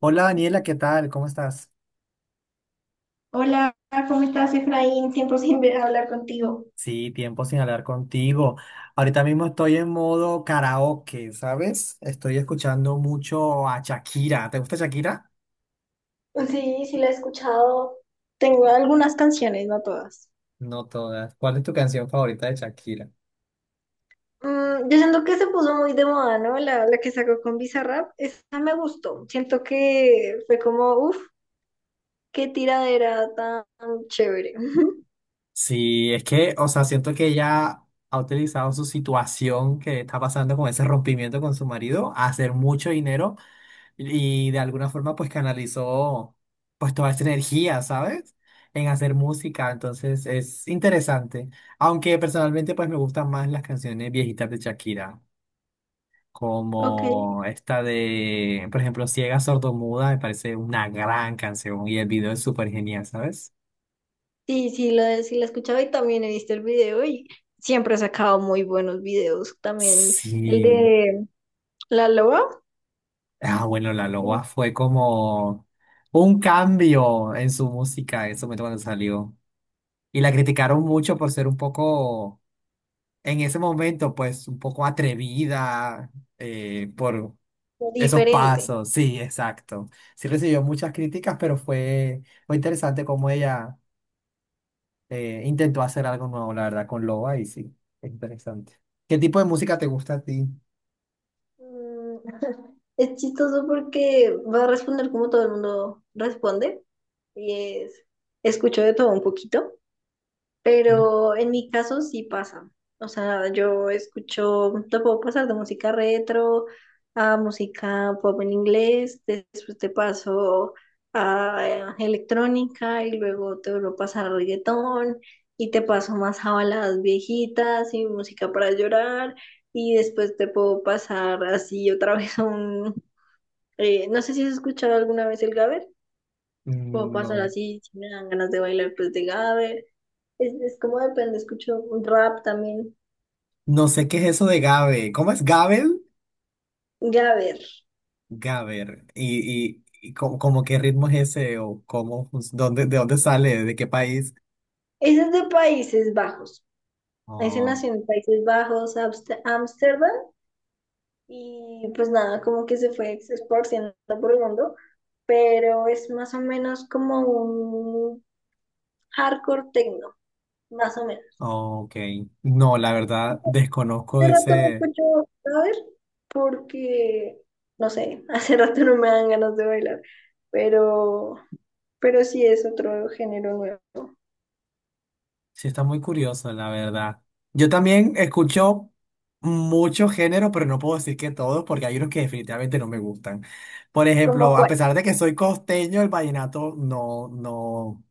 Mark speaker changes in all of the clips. Speaker 1: Hola Daniela, ¿qué tal? ¿Cómo estás?
Speaker 2: Hola, ¿cómo estás, Efraín? Tiempo sin hablar contigo.
Speaker 1: Sí, tiempo sin hablar contigo. Ahorita mismo estoy en modo karaoke, ¿sabes? Estoy escuchando mucho a Shakira. ¿Te gusta Shakira?
Speaker 2: Sí, sí la he escuchado. Tengo algunas canciones, no todas.
Speaker 1: No todas. ¿Cuál es tu canción favorita de Shakira?
Speaker 2: Yo siento que se puso muy de moda, ¿no? La que sacó con Bizarrap, esa me gustó. Siento que fue como, uff, qué tiradera tan chévere.
Speaker 1: Sí, es que, o sea, siento que ella ha utilizado su situación que está pasando con ese rompimiento con su marido a hacer mucho dinero y de alguna forma pues canalizó pues toda esa energía, ¿sabes? En hacer música, entonces es interesante. Aunque personalmente pues me gustan más las canciones viejitas de Shakira,
Speaker 2: Ok.
Speaker 1: como esta de, por ejemplo, Ciega Sordomuda, me parece una gran canción y el video es súper genial, ¿sabes?
Speaker 2: Sí, sí la he escuchado y también he visto el video, y siempre ha sacado muy buenos videos. También el
Speaker 1: Sí.
Speaker 2: de La Loba,
Speaker 1: Ah, bueno, La Loba fue como un cambio en su música en su momento cuando salió. Y la criticaron mucho por ser un poco en ese momento, pues un poco atrevida, por esos
Speaker 2: diferente.
Speaker 1: pasos, sí, exacto. Sí recibió muchas críticas, pero fue interesante cómo ella intentó hacer algo nuevo, la verdad, con Loba y sí, es interesante. ¿Qué tipo de música te gusta a ti?
Speaker 2: Mm, Es chistoso porque va a responder como todo el mundo responde y es, escucho de todo un poquito.
Speaker 1: Sí.
Speaker 2: Pero en mi caso sí pasa. O sea, yo escucho, te puedo pasar de música retro a música pop en inglés, después te paso a electrónica y luego te vuelvo a pasar a reggaetón y te paso más a baladas viejitas y música para llorar, y después te puedo pasar así otra vez a un... no sé si has escuchado alguna vez el Gaber, puedo
Speaker 1: Mm,
Speaker 2: pasar
Speaker 1: no,
Speaker 2: así si me dan ganas de bailar pues de Gaber. Es como depende, escucho un rap también.
Speaker 1: no sé qué es eso de Gabe. ¿Cómo es Gabel?
Speaker 2: Ya a ver,
Speaker 1: Gaber. Y cómo, cómo qué ritmo es ese o cómo, dónde, de dónde sale, de qué país?
Speaker 2: ese es de Países Bajos. Ese nació en Países Bajos, Ámsterdam, y pues nada, como que se fue esparciendo por el mundo, pero es más o menos como un hardcore techno, más o menos.
Speaker 1: Ok. No, la verdad, desconozco
Speaker 2: Hace rato no
Speaker 1: ese.
Speaker 2: escucho ver porque, no sé, hace rato no me dan ganas de bailar, pero, pero sí es otro género nuevo.
Speaker 1: Sí, está muy curioso, la verdad. Yo también escucho muchos géneros, pero no puedo decir que todos, porque hay unos que definitivamente no me gustan. Por
Speaker 2: ¿Como
Speaker 1: ejemplo, a
Speaker 2: cuál?
Speaker 1: pesar de que soy costeño, el vallenato no, no.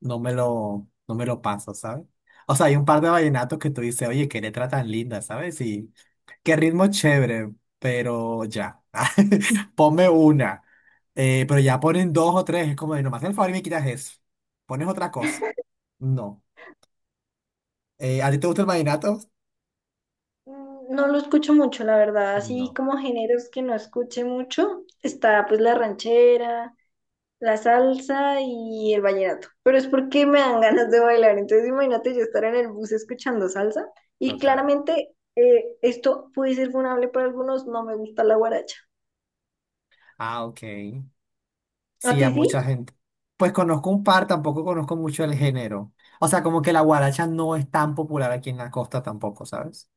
Speaker 1: No me lo paso, ¿sabes? O sea, hay un par de vallenatos que tú dices, oye, qué letra tan linda, ¿sabes? Y qué ritmo chévere, pero ya, ponme una. Pero ya ponen dos o tres, es como, de, no me haces el favor y me quitas eso. Pones otra cosa. No. ¿a ti te gusta el vallenato?
Speaker 2: No lo escucho mucho, la verdad. Así
Speaker 1: No,
Speaker 2: como géneros que no escuche mucho, está pues la ranchera, la salsa y el vallenato. Pero es porque me dan ganas de bailar. Entonces imagínate yo estar en el bus escuchando salsa, y
Speaker 1: total.
Speaker 2: claramente esto puede ser vulnerable para algunos. No me gusta la guaracha.
Speaker 1: Ah, ok.
Speaker 2: ¿A
Speaker 1: Sí,
Speaker 2: ti
Speaker 1: a
Speaker 2: sí?
Speaker 1: mucha gente. Pues conozco un par, tampoco conozco mucho el género. O sea, como que la guaracha no es tan popular aquí en la costa tampoco, ¿sabes?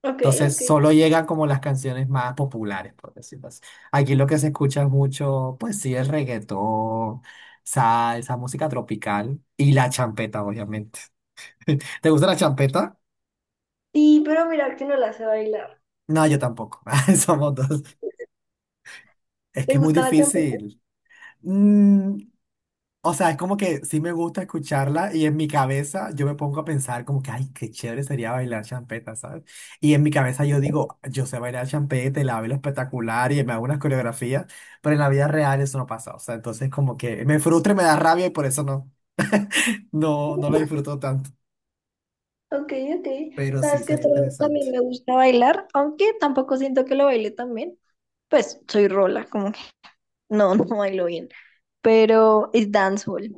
Speaker 2: Ok,
Speaker 1: Entonces
Speaker 2: ok.
Speaker 1: solo llegan como las canciones más populares, por decirlo así. Aquí lo que se escucha es mucho, pues sí, el reggaetón, salsa, música tropical y la champeta, obviamente. ¿Te gusta la champeta?
Speaker 2: Sí, pero mira que no la sé bailar.
Speaker 1: No, yo tampoco. Somos dos. Es
Speaker 2: ¿Te
Speaker 1: que es muy
Speaker 2: gusta la champeta?
Speaker 1: difícil. Mm, o sea, es como que sí me gusta escucharla y en mi cabeza yo me pongo a pensar como que, ay, qué chévere sería bailar champeta, ¿sabes? Y en mi cabeza yo digo, yo sé bailar champeta y la bailo espectacular y me hago unas coreografías, pero en la vida real eso no pasa. O sea, entonces como que me frustra y me da rabia y por eso no, no, no lo disfruto tanto.
Speaker 2: Ok, ok.
Speaker 1: Pero sí,
Speaker 2: ¿Sabes qué
Speaker 1: sería
Speaker 2: otro
Speaker 1: interesante.
Speaker 2: también me gusta bailar? Aunque tampoco siento que lo baile también. Pues soy rola, como que no, no bailo bien, pero es dancehall,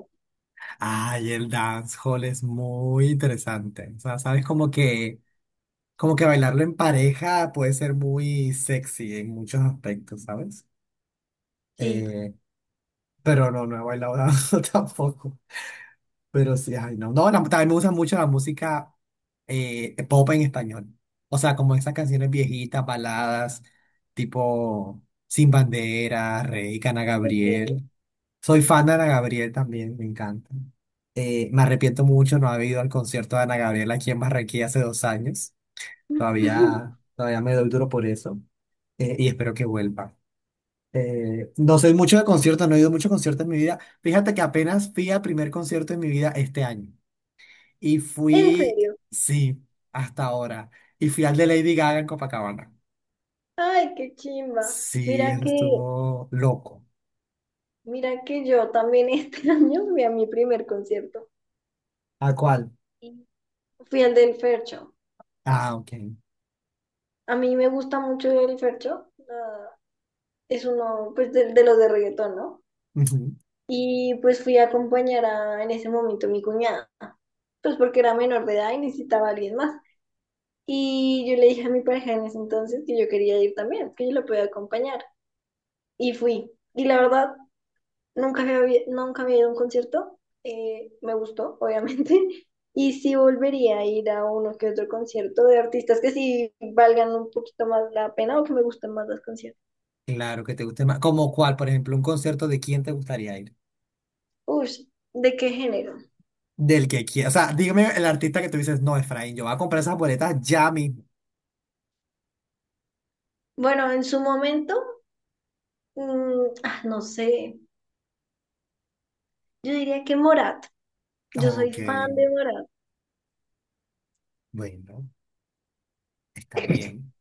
Speaker 1: Ay, el dancehall es muy interesante. O sea, sabes como que bailarlo en pareja puede ser muy sexy en muchos aspectos, ¿sabes?
Speaker 2: sí.
Speaker 1: Eh, pero no, no he bailado tampoco. Pero sí, ay, no. No, la- también me gusta mucho la música, pop en español. O sea, como esas canciones viejitas, baladas, tipo Sin Bandera, Rey, Ana
Speaker 2: Ok.
Speaker 1: Gabriel. Soy fan de Ana Gabriel también, me encanta. Me arrepiento mucho no haber ido al concierto de Ana Gabriel aquí en Barranquilla hace 2 años. Todavía, todavía me doy duro por eso. Y espero que vuelva. No soy mucho de conciertos, no he ido mucho a conciertos en mi vida. Fíjate que apenas fui al primer concierto en mi vida este año. Y
Speaker 2: ¿En
Speaker 1: fui,
Speaker 2: serio?
Speaker 1: sí, hasta ahora. Y fui al de Lady Gaga en Copacabana.
Speaker 2: Ay, qué chimba.
Speaker 1: Sí,
Speaker 2: Mira
Speaker 1: eso
Speaker 2: que,
Speaker 1: estuvo loco.
Speaker 2: mira que yo también este año fui a mi primer concierto.
Speaker 1: ¿A cuál?
Speaker 2: Y fui al del Fercho.
Speaker 1: Ah, ok.
Speaker 2: A mí me gusta mucho el Fercho. Es uno, pues, de los de reggaetón, ¿no?
Speaker 1: Ujú.
Speaker 2: Y pues fui a acompañar a, en ese momento, mi cuñada. Pues porque era menor de edad y necesitaba a alguien más. Y yo le dije a mi pareja en ese entonces que yo quería ir también, que yo la podía acompañar. Y fui. Y la verdad, nunca había ido a un concierto. Me gustó, obviamente. Y sí volvería a ir a uno que otro concierto de artistas que sí valgan un poquito más la pena o que me gusten más las canciones.
Speaker 1: Claro que te guste más. ¿Como cuál? Por ejemplo, un concierto de quién te gustaría ir.
Speaker 2: Uy, ¿de qué género?
Speaker 1: Del que quiera. O sea, dígame el artista que tú dices, no, Efraín, yo voy a comprar esas boletas ya mismo.
Speaker 2: Bueno, en su momento, no sé. Yo diría que Morat. Yo soy
Speaker 1: Ok,
Speaker 2: fan de Morat.
Speaker 1: bueno, está bien.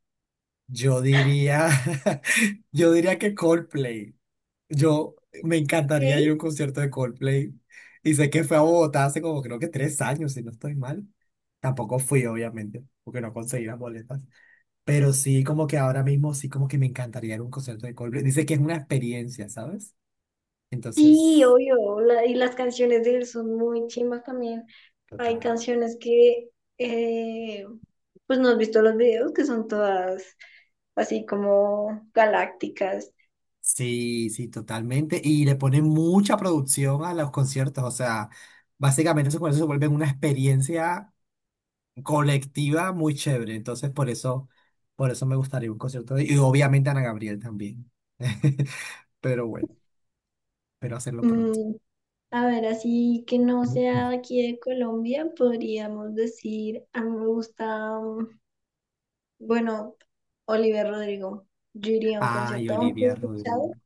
Speaker 1: Yo diría, yo diría que Coldplay. Yo me encantaría ir a
Speaker 2: ¿Ok?
Speaker 1: un concierto de Coldplay. Y sé que fue a Bogotá hace como creo que 3 años, si no estoy mal. Tampoco fui, obviamente, porque no conseguí las boletas. Pero sí, como que ahora mismo sí, como que me encantaría ir a un concierto de Coldplay. Dice que es una experiencia, ¿sabes?
Speaker 2: Sí,
Speaker 1: Entonces,
Speaker 2: obvio, y las canciones de él son muy chimbas también. Hay
Speaker 1: total.
Speaker 2: canciones que, eh, pues no has visto los videos, que son todas así como galácticas.
Speaker 1: Sí, sí, totalmente. Y le ponen mucha producción a los conciertos. O sea, básicamente esos conciertos se vuelven una experiencia colectiva muy chévere. Entonces, por eso me gustaría un concierto de, y obviamente Ana Gabriel también. Pero bueno, espero hacerlo pronto.
Speaker 2: Mm, a ver, así que no sea de aquí de Colombia, podríamos decir, a mí me gusta, bueno, Oliver Rodrigo. Yo iría a un
Speaker 1: Ay,
Speaker 2: concierto, aunque
Speaker 1: Olivia
Speaker 2: he escuchado
Speaker 1: Rodrigo.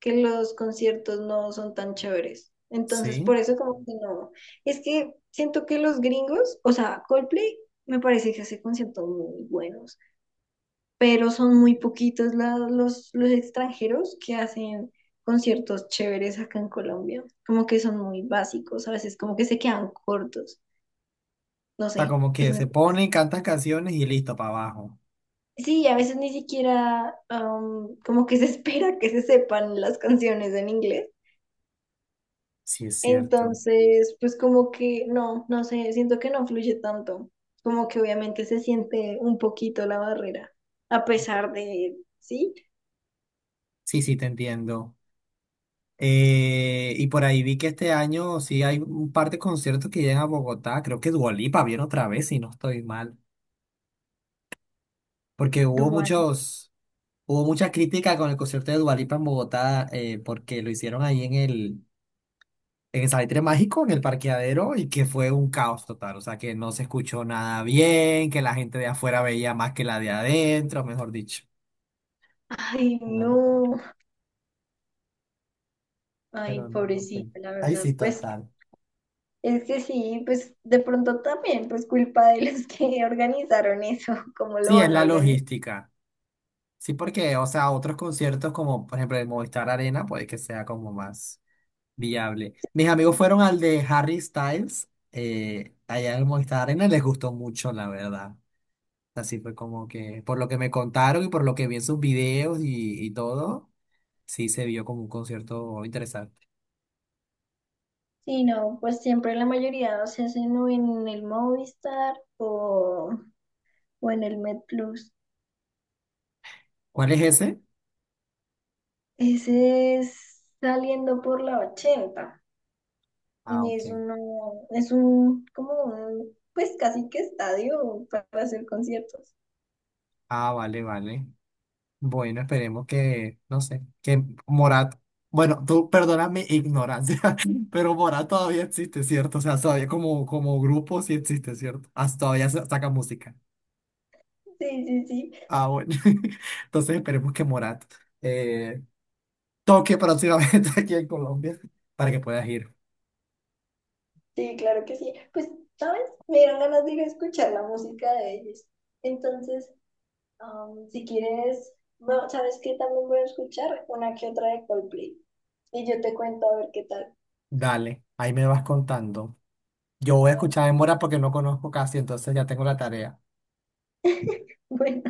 Speaker 2: que los conciertos no son tan chéveres. Entonces, por
Speaker 1: Sí.
Speaker 2: eso como que no. Es que siento que los gringos, o sea, Coldplay me parece que hace conciertos muy buenos, pero son muy poquitos los extranjeros que hacen conciertos chéveres acá en Colombia. Como que son muy básicos, a veces como que se quedan cortos. No
Speaker 1: O
Speaker 2: sé,
Speaker 1: sea, como
Speaker 2: es
Speaker 1: que
Speaker 2: mi...
Speaker 1: se pone, cantas canciones y listo, para abajo.
Speaker 2: Sí, a veces ni siquiera como que se espera que se sepan las canciones en inglés.
Speaker 1: Sí, es cierto.
Speaker 2: Entonces, pues como que no, no sé, siento que no fluye tanto. Como que obviamente se siente un poquito la barrera, a pesar de, ¿sí?
Speaker 1: Sí, sí, te entiendo. Y por ahí vi que este año sí hay un par de conciertos que llegan a Bogotá. Creo que Dua Lipa viene otra vez, si no estoy mal. Porque hubo
Speaker 2: Dual.
Speaker 1: muchos. Hubo mucha crítica con el concierto de Dua Lipa en Bogotá, porque lo hicieron ahí en el Salitre Mágico, en el parqueadero, y que fue un caos total. O sea, que no se escuchó nada bien, que la gente de afuera veía más que la de adentro, mejor dicho.
Speaker 2: Ay,
Speaker 1: Una locura,
Speaker 2: no, ay,
Speaker 1: pero no, no fue.
Speaker 2: pobrecita, la
Speaker 1: Ahí
Speaker 2: verdad.
Speaker 1: sí,
Speaker 2: Pues
Speaker 1: total.
Speaker 2: es que sí, pues de pronto también, pues culpa de los que organizaron eso, ¿cómo lo
Speaker 1: Sí, es
Speaker 2: van a
Speaker 1: la
Speaker 2: organizar?
Speaker 1: logística. Sí, porque, o sea, otros conciertos como, por ejemplo, el Movistar Arena, puede que sea como más viable. Mis amigos fueron al de Harry Styles, allá en el Movistar Arena, y les gustó mucho, la verdad. Así fue como que, por lo que me contaron y por lo que vi en sus videos y todo, sí se vio como un concierto interesante.
Speaker 2: Sí, no, pues siempre la mayoría se hacen o en el Movistar, o en el MedPlus.
Speaker 1: ¿Cuál es ese?
Speaker 2: Ese es saliendo por la 80.
Speaker 1: Ah,
Speaker 2: Y es
Speaker 1: ok.
Speaker 2: uno, es un, como un, pues casi que estadio para hacer conciertos.
Speaker 1: Ah, vale, vale. Bueno, esperemos que, no sé, que Morat, bueno, tú perdona mi ignorancia, pero Morat todavía existe, ¿cierto? O sea, todavía como, como grupo sí existe, ¿cierto? Hasta todavía saca música.
Speaker 2: Sí, sí, sí,
Speaker 1: Ah, bueno. Entonces esperemos que Morat eh, toque próximamente aquí en Colombia para que puedas ir.
Speaker 2: sí, claro que sí. Pues, ¿sabes? Me dieron ganas de ir a escuchar la música de ellos. Entonces, si quieres, bueno, ¿sabes qué? También voy a escuchar una que otra de Coldplay. Y yo te cuento a ver qué tal.
Speaker 1: Dale, ahí me vas contando. Yo voy a
Speaker 2: Bueno,
Speaker 1: escuchar en mora porque no conozco casi, entonces ya tengo la tarea.
Speaker 2: bueno,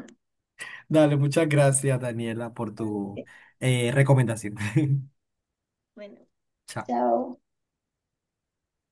Speaker 1: Dale, muchas gracias, Daniela, por tu
Speaker 2: ok,
Speaker 1: recomendación.
Speaker 2: bueno,
Speaker 1: Chao.
Speaker 2: chao.